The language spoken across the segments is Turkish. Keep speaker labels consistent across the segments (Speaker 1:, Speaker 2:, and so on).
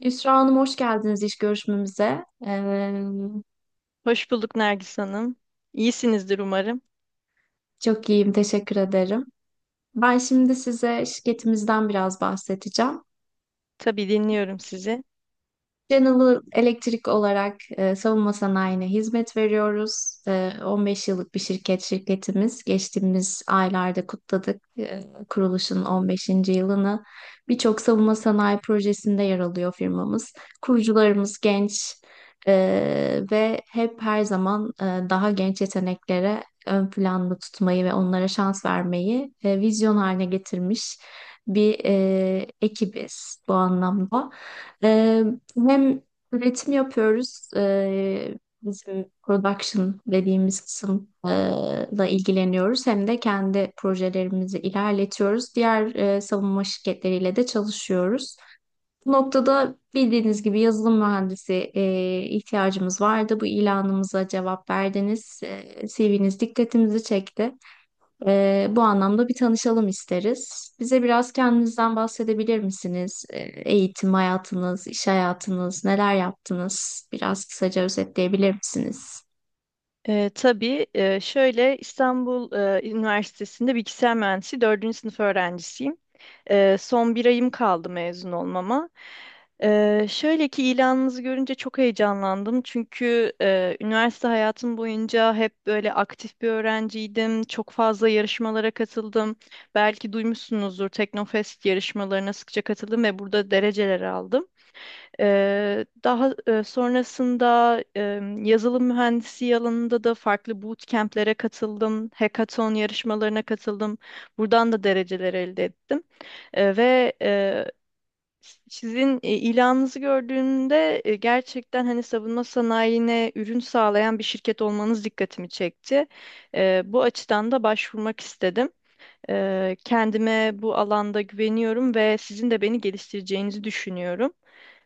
Speaker 1: Yusra Hanım hoş geldiniz iş görüşmemize.
Speaker 2: Hoş bulduk Nergis Hanım. İyisinizdir umarım.
Speaker 1: Çok iyiyim, teşekkür ederim. Ben şimdi size şirketimizden biraz bahsedeceğim.
Speaker 2: Tabii dinliyorum sizi.
Speaker 1: General Electric olarak savunma sanayine hizmet veriyoruz. 15 yıllık bir şirketimiz. Geçtiğimiz aylarda kutladık kuruluşun 15. yılını. Birçok savunma sanayi projesinde yer alıyor firmamız. Kurucularımız genç ve hep her zaman daha genç yeteneklere ön planda tutmayı ve onlara şans vermeyi vizyon haline getirmiş bir ekibiz bu anlamda. Ee, hem üretim yapıyoruz, bizim production dediğimiz kısımla ilgileniyoruz. Hem de kendi projelerimizi ilerletiyoruz. Diğer savunma şirketleriyle de çalışıyoruz. Bu noktada bildiğiniz gibi yazılım mühendisi ihtiyacımız vardı. Bu ilanımıza cevap verdiniz. CV'niz dikkatimizi çekti. Bu anlamda bir tanışalım isteriz. Bize biraz kendinizden bahsedebilir misiniz? Eğitim hayatınız, iş hayatınız, neler yaptınız? Biraz kısaca özetleyebilir misiniz?
Speaker 2: Şöyle İstanbul Üniversitesi'nde bilgisayar mühendisi dördüncü sınıf öğrencisiyim. Son bir ayım kaldı mezun olmama. Şöyle ki ilanınızı görünce çok heyecanlandım. Çünkü üniversite hayatım boyunca hep böyle aktif bir öğrenciydim. Çok fazla yarışmalara katıldım. Belki duymuşsunuzdur, Teknofest yarışmalarına sıkça katıldım ve burada dereceler aldım. Daha sonrasında yazılım mühendisi alanında da farklı bootcamp'lere katıldım, hackathon yarışmalarına katıldım. Buradan da dereceler elde ettim. E, ve e, sizin ilanınızı gördüğümde gerçekten hani savunma sanayine ürün sağlayan bir şirket olmanız dikkatimi çekti. Bu açıdan da başvurmak istedim. Kendime bu alanda güveniyorum ve sizin de beni geliştireceğinizi düşünüyorum.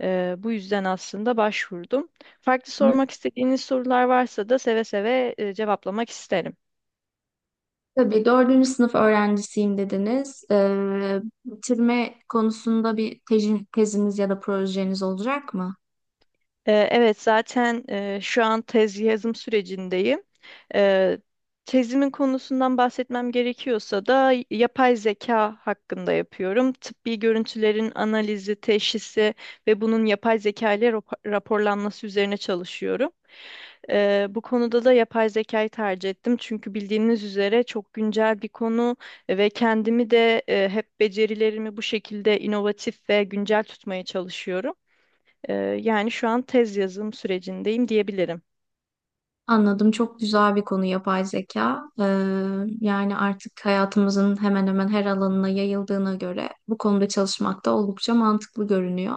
Speaker 2: Bu yüzden aslında başvurdum. Farklı
Speaker 1: Hı.
Speaker 2: sormak istediğiniz sorular varsa da seve seve cevaplamak isterim.
Speaker 1: Tabii dördüncü sınıf öğrencisiyim dediniz. Bitirme konusunda bir teziniz ya da projeniz olacak mı?
Speaker 2: Evet, zaten şu an tez yazım sürecindeyim. Ee, Tezimin konusundan bahsetmem gerekiyorsa da yapay zeka hakkında yapıyorum. Tıbbi görüntülerin analizi, teşhisi ve bunun yapay zeka ile raporlanması üzerine çalışıyorum. Bu konuda da yapay zekayı tercih ettim. Çünkü bildiğiniz üzere çok güncel bir konu ve kendimi de hep becerilerimi bu şekilde inovatif ve güncel tutmaya çalışıyorum. Eee, Yani şu an tez yazım sürecindeyim diyebilirim.
Speaker 1: Anladım. Çok güzel bir konu yapay zeka. Yani artık hayatımızın hemen hemen her alanına yayıldığına göre bu konuda çalışmak da oldukça mantıklı görünüyor.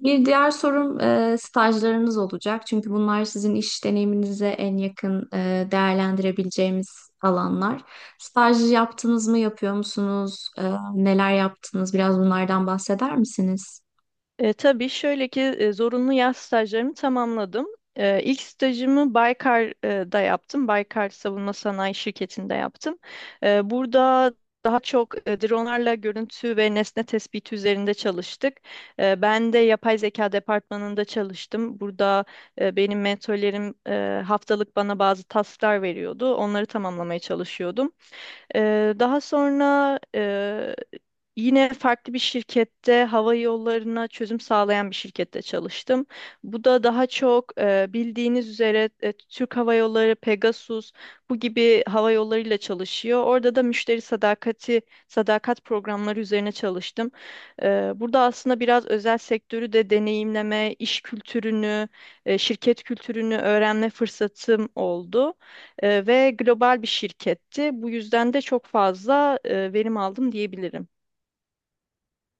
Speaker 1: Bir diğer sorum stajlarınız olacak. Çünkü bunlar sizin iş deneyiminize en yakın değerlendirebileceğimiz alanlar. Staj yaptınız mı, yapıyor musunuz? Neler yaptınız? Biraz bunlardan bahseder misiniz?
Speaker 2: Tabii şöyle ki zorunlu yaz stajlarımı tamamladım. İlk stajımı Baykar'da yaptım. Baykar Savunma Sanayi Şirketi'nde yaptım. Burada daha çok dronlarla görüntü ve nesne tespiti üzerinde çalıştık. Ben de yapay zeka departmanında çalıştım. Burada benim mentorlerim haftalık bana bazı tasklar veriyordu. Onları tamamlamaya çalışıyordum. Daha sonra yine farklı bir şirkette, hava yollarına çözüm sağlayan bir şirkette çalıştım. Bu da daha çok, bildiğiniz üzere, Türk Hava Yolları, Pegasus bu gibi hava yollarıyla çalışıyor. Orada da sadakat programları üzerine çalıştım. Burada aslında biraz özel sektörü de deneyimleme, iş kültürünü, şirket kültürünü öğrenme fırsatım oldu. Ve global bir şirketti. Bu yüzden de çok fazla verim aldım diyebilirim.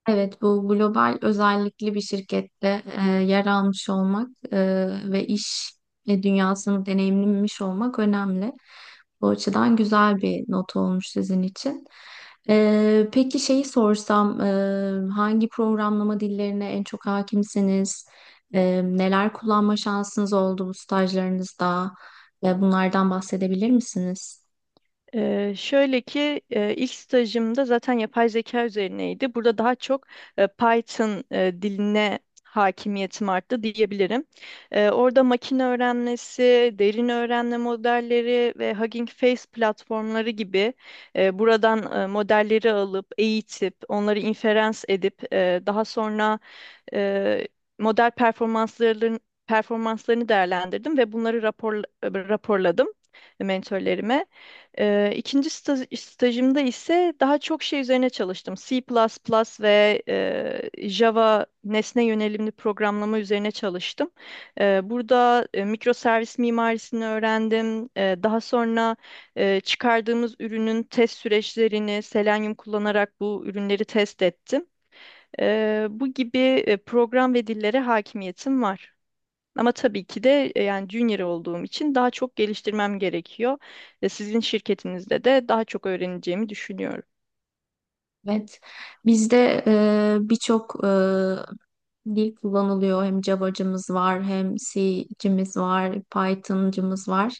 Speaker 1: Evet, bu global özellikli bir şirkette yer almış olmak ve iş dünyasını deneyimlemiş olmak önemli. Bu açıdan güzel bir not olmuş sizin için. Peki şeyi sorsam, hangi programlama dillerine en çok hakimsiniz? Neler kullanma şansınız oldu bu stajlarınızda? Ve bunlardan bahsedebilir misiniz?
Speaker 2: Şöyle ki ilk stajımda zaten yapay zeka üzerineydi. Burada daha çok Python diline hakimiyetim arttı diyebilirim. Orada makine öğrenmesi, derin öğrenme modelleri ve Hugging Face platformları gibi, buradan modelleri alıp eğitip onları inferans edip daha sonra e, model performansların performanslarını değerlendirdim ve bunları raporladım mentorlarıme. E, ikinci staj, stajımda ise daha çok şey üzerine çalıştım. C++ ve Java nesne yönelimli programlama üzerine çalıştım. Burada mikroservis mimarisini öğrendim. Daha sonra çıkardığımız ürünün test süreçlerini Selenium kullanarak bu ürünleri test ettim. Bu gibi program ve dillere hakimiyetim var. Ama tabii ki de, yani junior olduğum için daha çok geliştirmem gerekiyor. Ve sizin şirketinizde de daha çok öğreneceğimi düşünüyorum.
Speaker 1: Evet. Bizde birçok dil kullanılıyor. Hem Java'cımız var, hem C'cimiz var, Python'cımız var.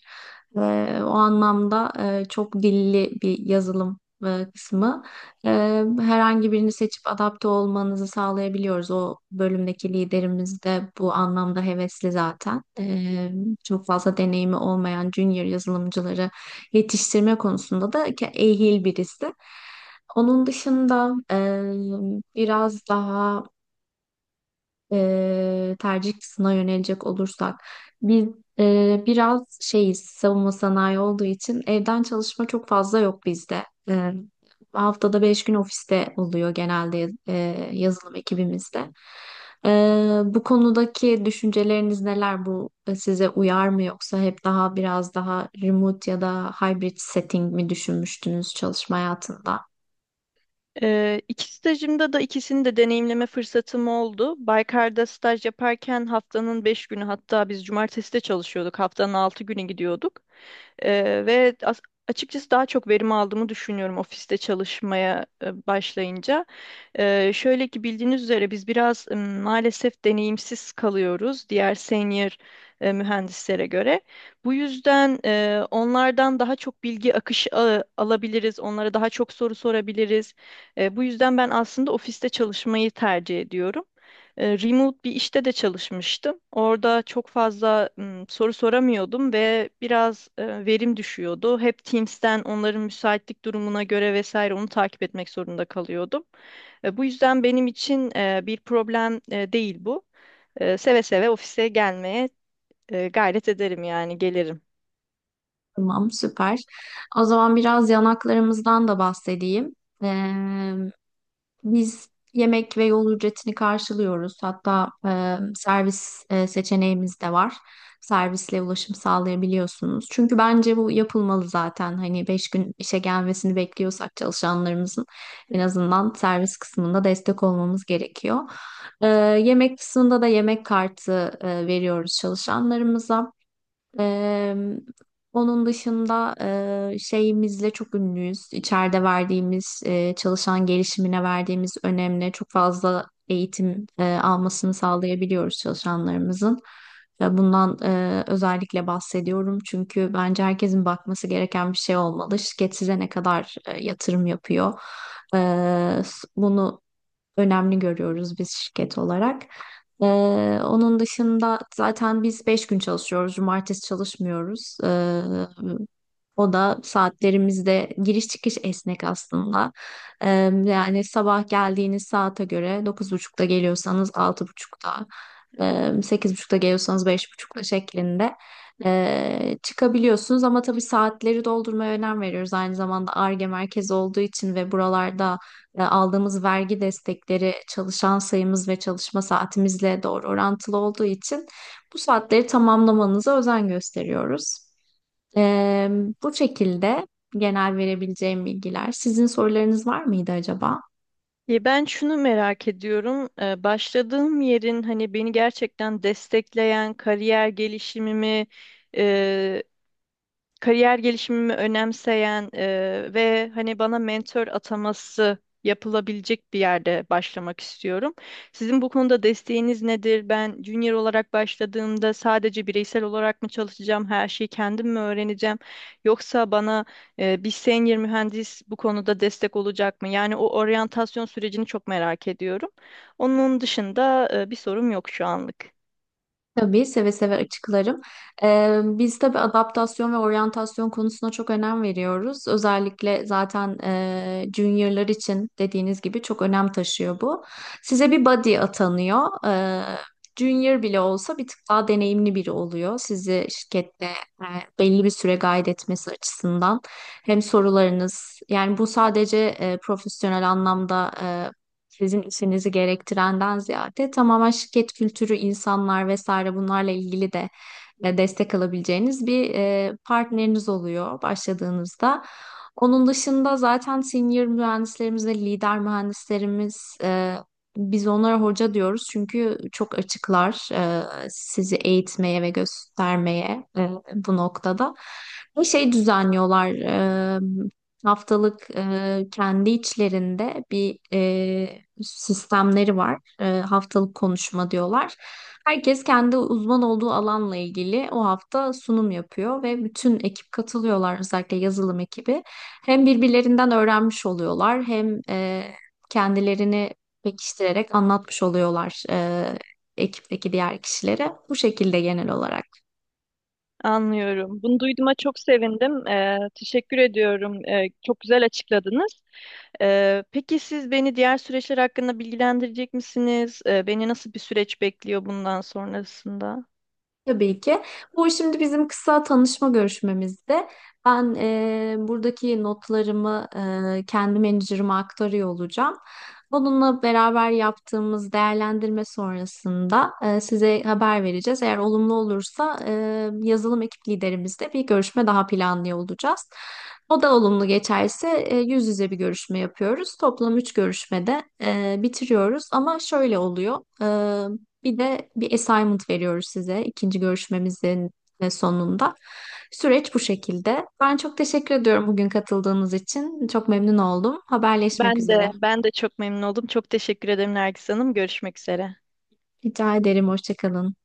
Speaker 1: O anlamda çok dilli bir yazılım kısmı. Herhangi birini seçip adapte olmanızı sağlayabiliyoruz. O bölümdeki liderimiz de bu anlamda hevesli zaten. Çok fazla deneyimi olmayan junior yazılımcıları yetiştirme konusunda da ehil birisi. Onun dışında biraz daha tercih kısmına yönelecek olursak biz biraz şeyiz savunma sanayi olduğu için evden çalışma çok fazla yok bizde. E, haftada 5 gün ofiste oluyor genelde yazılım ekibimizde. E, bu konudaki düşünceleriniz neler? Bu size uyar mı yoksa hep daha biraz daha remote ya da hybrid setting mi düşünmüştünüz çalışma hayatında?
Speaker 2: İki stajımda da ikisini de deneyimleme fırsatım oldu. Baykar'da staj yaparken haftanın 5 günü, hatta biz cumartesi de çalışıyorduk, haftanın 6 günü gidiyorduk. Eee, ve as- Açıkçası daha çok verim aldığımı düşünüyorum ofiste çalışmaya başlayınca. Şöyle ki bildiğiniz üzere biz biraz maalesef deneyimsiz kalıyoruz diğer senior mühendislere göre. Bu yüzden onlardan daha çok bilgi akışı alabiliriz, onlara daha çok soru sorabiliriz. Bu yüzden ben aslında ofiste çalışmayı tercih ediyorum. Remote bir işte de çalışmıştım. Orada çok fazla soru soramıyordum ve biraz verim düşüyordu. Hep Teams'ten onların müsaitlik durumuna göre vesaire onu takip etmek zorunda kalıyordum. Bu yüzden benim için bir problem değil bu. Seve seve ofise gelmeye, gayret ederim, yani gelirim.
Speaker 1: Tamam, süper. O zaman biraz yanaklarımızdan da bahsedeyim. Ee, Biz yemek ve yol ücretini karşılıyoruz. Hatta servis seçeneğimiz de var. Servisle ulaşım sağlayabiliyorsunuz. Çünkü bence bu yapılmalı zaten. Hani beş gün işe gelmesini bekliyorsak çalışanlarımızın en azından servis kısmında destek olmamız gerekiyor. E, yemek kısmında da yemek kartı veriyoruz çalışanlarımıza. Eee, onun dışında şeyimizle çok ünlüyüz. İçeride verdiğimiz, çalışan gelişimine verdiğimiz önemli çok fazla eğitim almasını sağlayabiliyoruz çalışanlarımızın. Ve bundan özellikle bahsediyorum. Çünkü bence herkesin bakması gereken bir şey olmalı. Şirket size ne kadar yatırım yapıyor? Bunu önemli görüyoruz biz şirket olarak. Ee, onun dışında zaten biz 5 gün çalışıyoruz. Cumartesi çalışmıyoruz. O da saatlerimizde giriş çıkış esnek aslında. Ee, yani sabah geldiğiniz saate göre dokuz buçukta geliyorsanız altı buçukta, sekiz buçukta geliyorsanız 5:30'da şeklinde çıkabiliyorsunuz. Ama tabii saatleri doldurmaya önem veriyoruz. Aynı zamanda Ar-Ge merkezi olduğu için ve buralarda aldığımız vergi destekleri çalışan sayımız ve çalışma saatimizle doğru orantılı olduğu için bu saatleri tamamlamanıza özen gösteriyoruz. E, bu şekilde genel verebileceğim bilgiler. Sizin sorularınız var mıydı acaba?
Speaker 2: Ya ben şunu merak ediyorum. Başladığım yerin hani beni gerçekten destekleyen, kariyer gelişimimi önemseyen, ve hani bana mentor ataması yapılabilecek bir yerde başlamak istiyorum. Sizin bu konuda desteğiniz nedir? Ben junior olarak başladığımda sadece bireysel olarak mı çalışacağım, her şeyi kendim mi öğreneceğim? Yoksa bana bir senior mühendis bu konuda destek olacak mı? Yani o oryantasyon sürecini çok merak ediyorum. Onun dışında bir sorum yok şu anlık.
Speaker 1: Tabii seve seve açıklarım. Biz tabii adaptasyon ve oryantasyon konusuna çok önem veriyoruz. Özellikle zaten juniorlar için dediğiniz gibi çok önem taşıyor bu. Size bir buddy atanıyor. Junior bile olsa bir tık daha deneyimli biri oluyor. Sizi şirkette e, belli bir süre guide etmesi açısından. Hem sorularınız yani bu sadece profesyonel anlamda sizin işinizi gerektirenden ziyade tamamen şirket kültürü, insanlar vesaire bunlarla ilgili de destek alabileceğiniz bir partneriniz oluyor başladığınızda. Onun dışında zaten senior mühendislerimiz ve lider mühendislerimiz biz onlara hoca diyoruz çünkü çok açıklar sizi eğitmeye ve göstermeye bu noktada. Bir şey düzenliyorlar haftalık kendi içlerinde bir sistemleri var. Haftalık konuşma diyorlar. Herkes kendi uzman olduğu alanla ilgili o hafta sunum yapıyor ve bütün ekip katılıyorlar özellikle yazılım ekibi. Hem birbirlerinden öğrenmiş oluyorlar hem kendilerini pekiştirerek anlatmış oluyorlar ekipteki diğer kişilere. Bu şekilde genel olarak.
Speaker 2: Anlıyorum. Bunu duyduğuma çok sevindim. Teşekkür ediyorum. Çok güzel açıkladınız. Peki siz beni diğer süreçler hakkında bilgilendirecek misiniz? Beni nasıl bir süreç bekliyor bundan sonrasında?
Speaker 1: Tabii ki. Bu şimdi bizim kısa tanışma görüşmemizde ben buradaki notlarımı kendi menajerime aktarıyor olacağım. Onunla beraber yaptığımız değerlendirme sonrasında size haber vereceğiz. Eğer olumlu olursa yazılım ekip liderimizle bir görüşme daha planlıyor olacağız. O da olumlu geçerse yüz yüze bir görüşme yapıyoruz. Toplam üç görüşmede bitiriyoruz. Ama şöyle oluyor. Bir de bir assignment veriyoruz size ikinci görüşmemizin sonunda. Süreç bu şekilde. Ben çok teşekkür ediyorum bugün katıldığınız için. Çok memnun oldum. Haberleşmek
Speaker 2: Ben de
Speaker 1: üzere.
Speaker 2: ben de çok memnun oldum. Çok teşekkür ederim Nergis Hanım. Görüşmek üzere.
Speaker 1: Rica ederim. Hoşça kalın.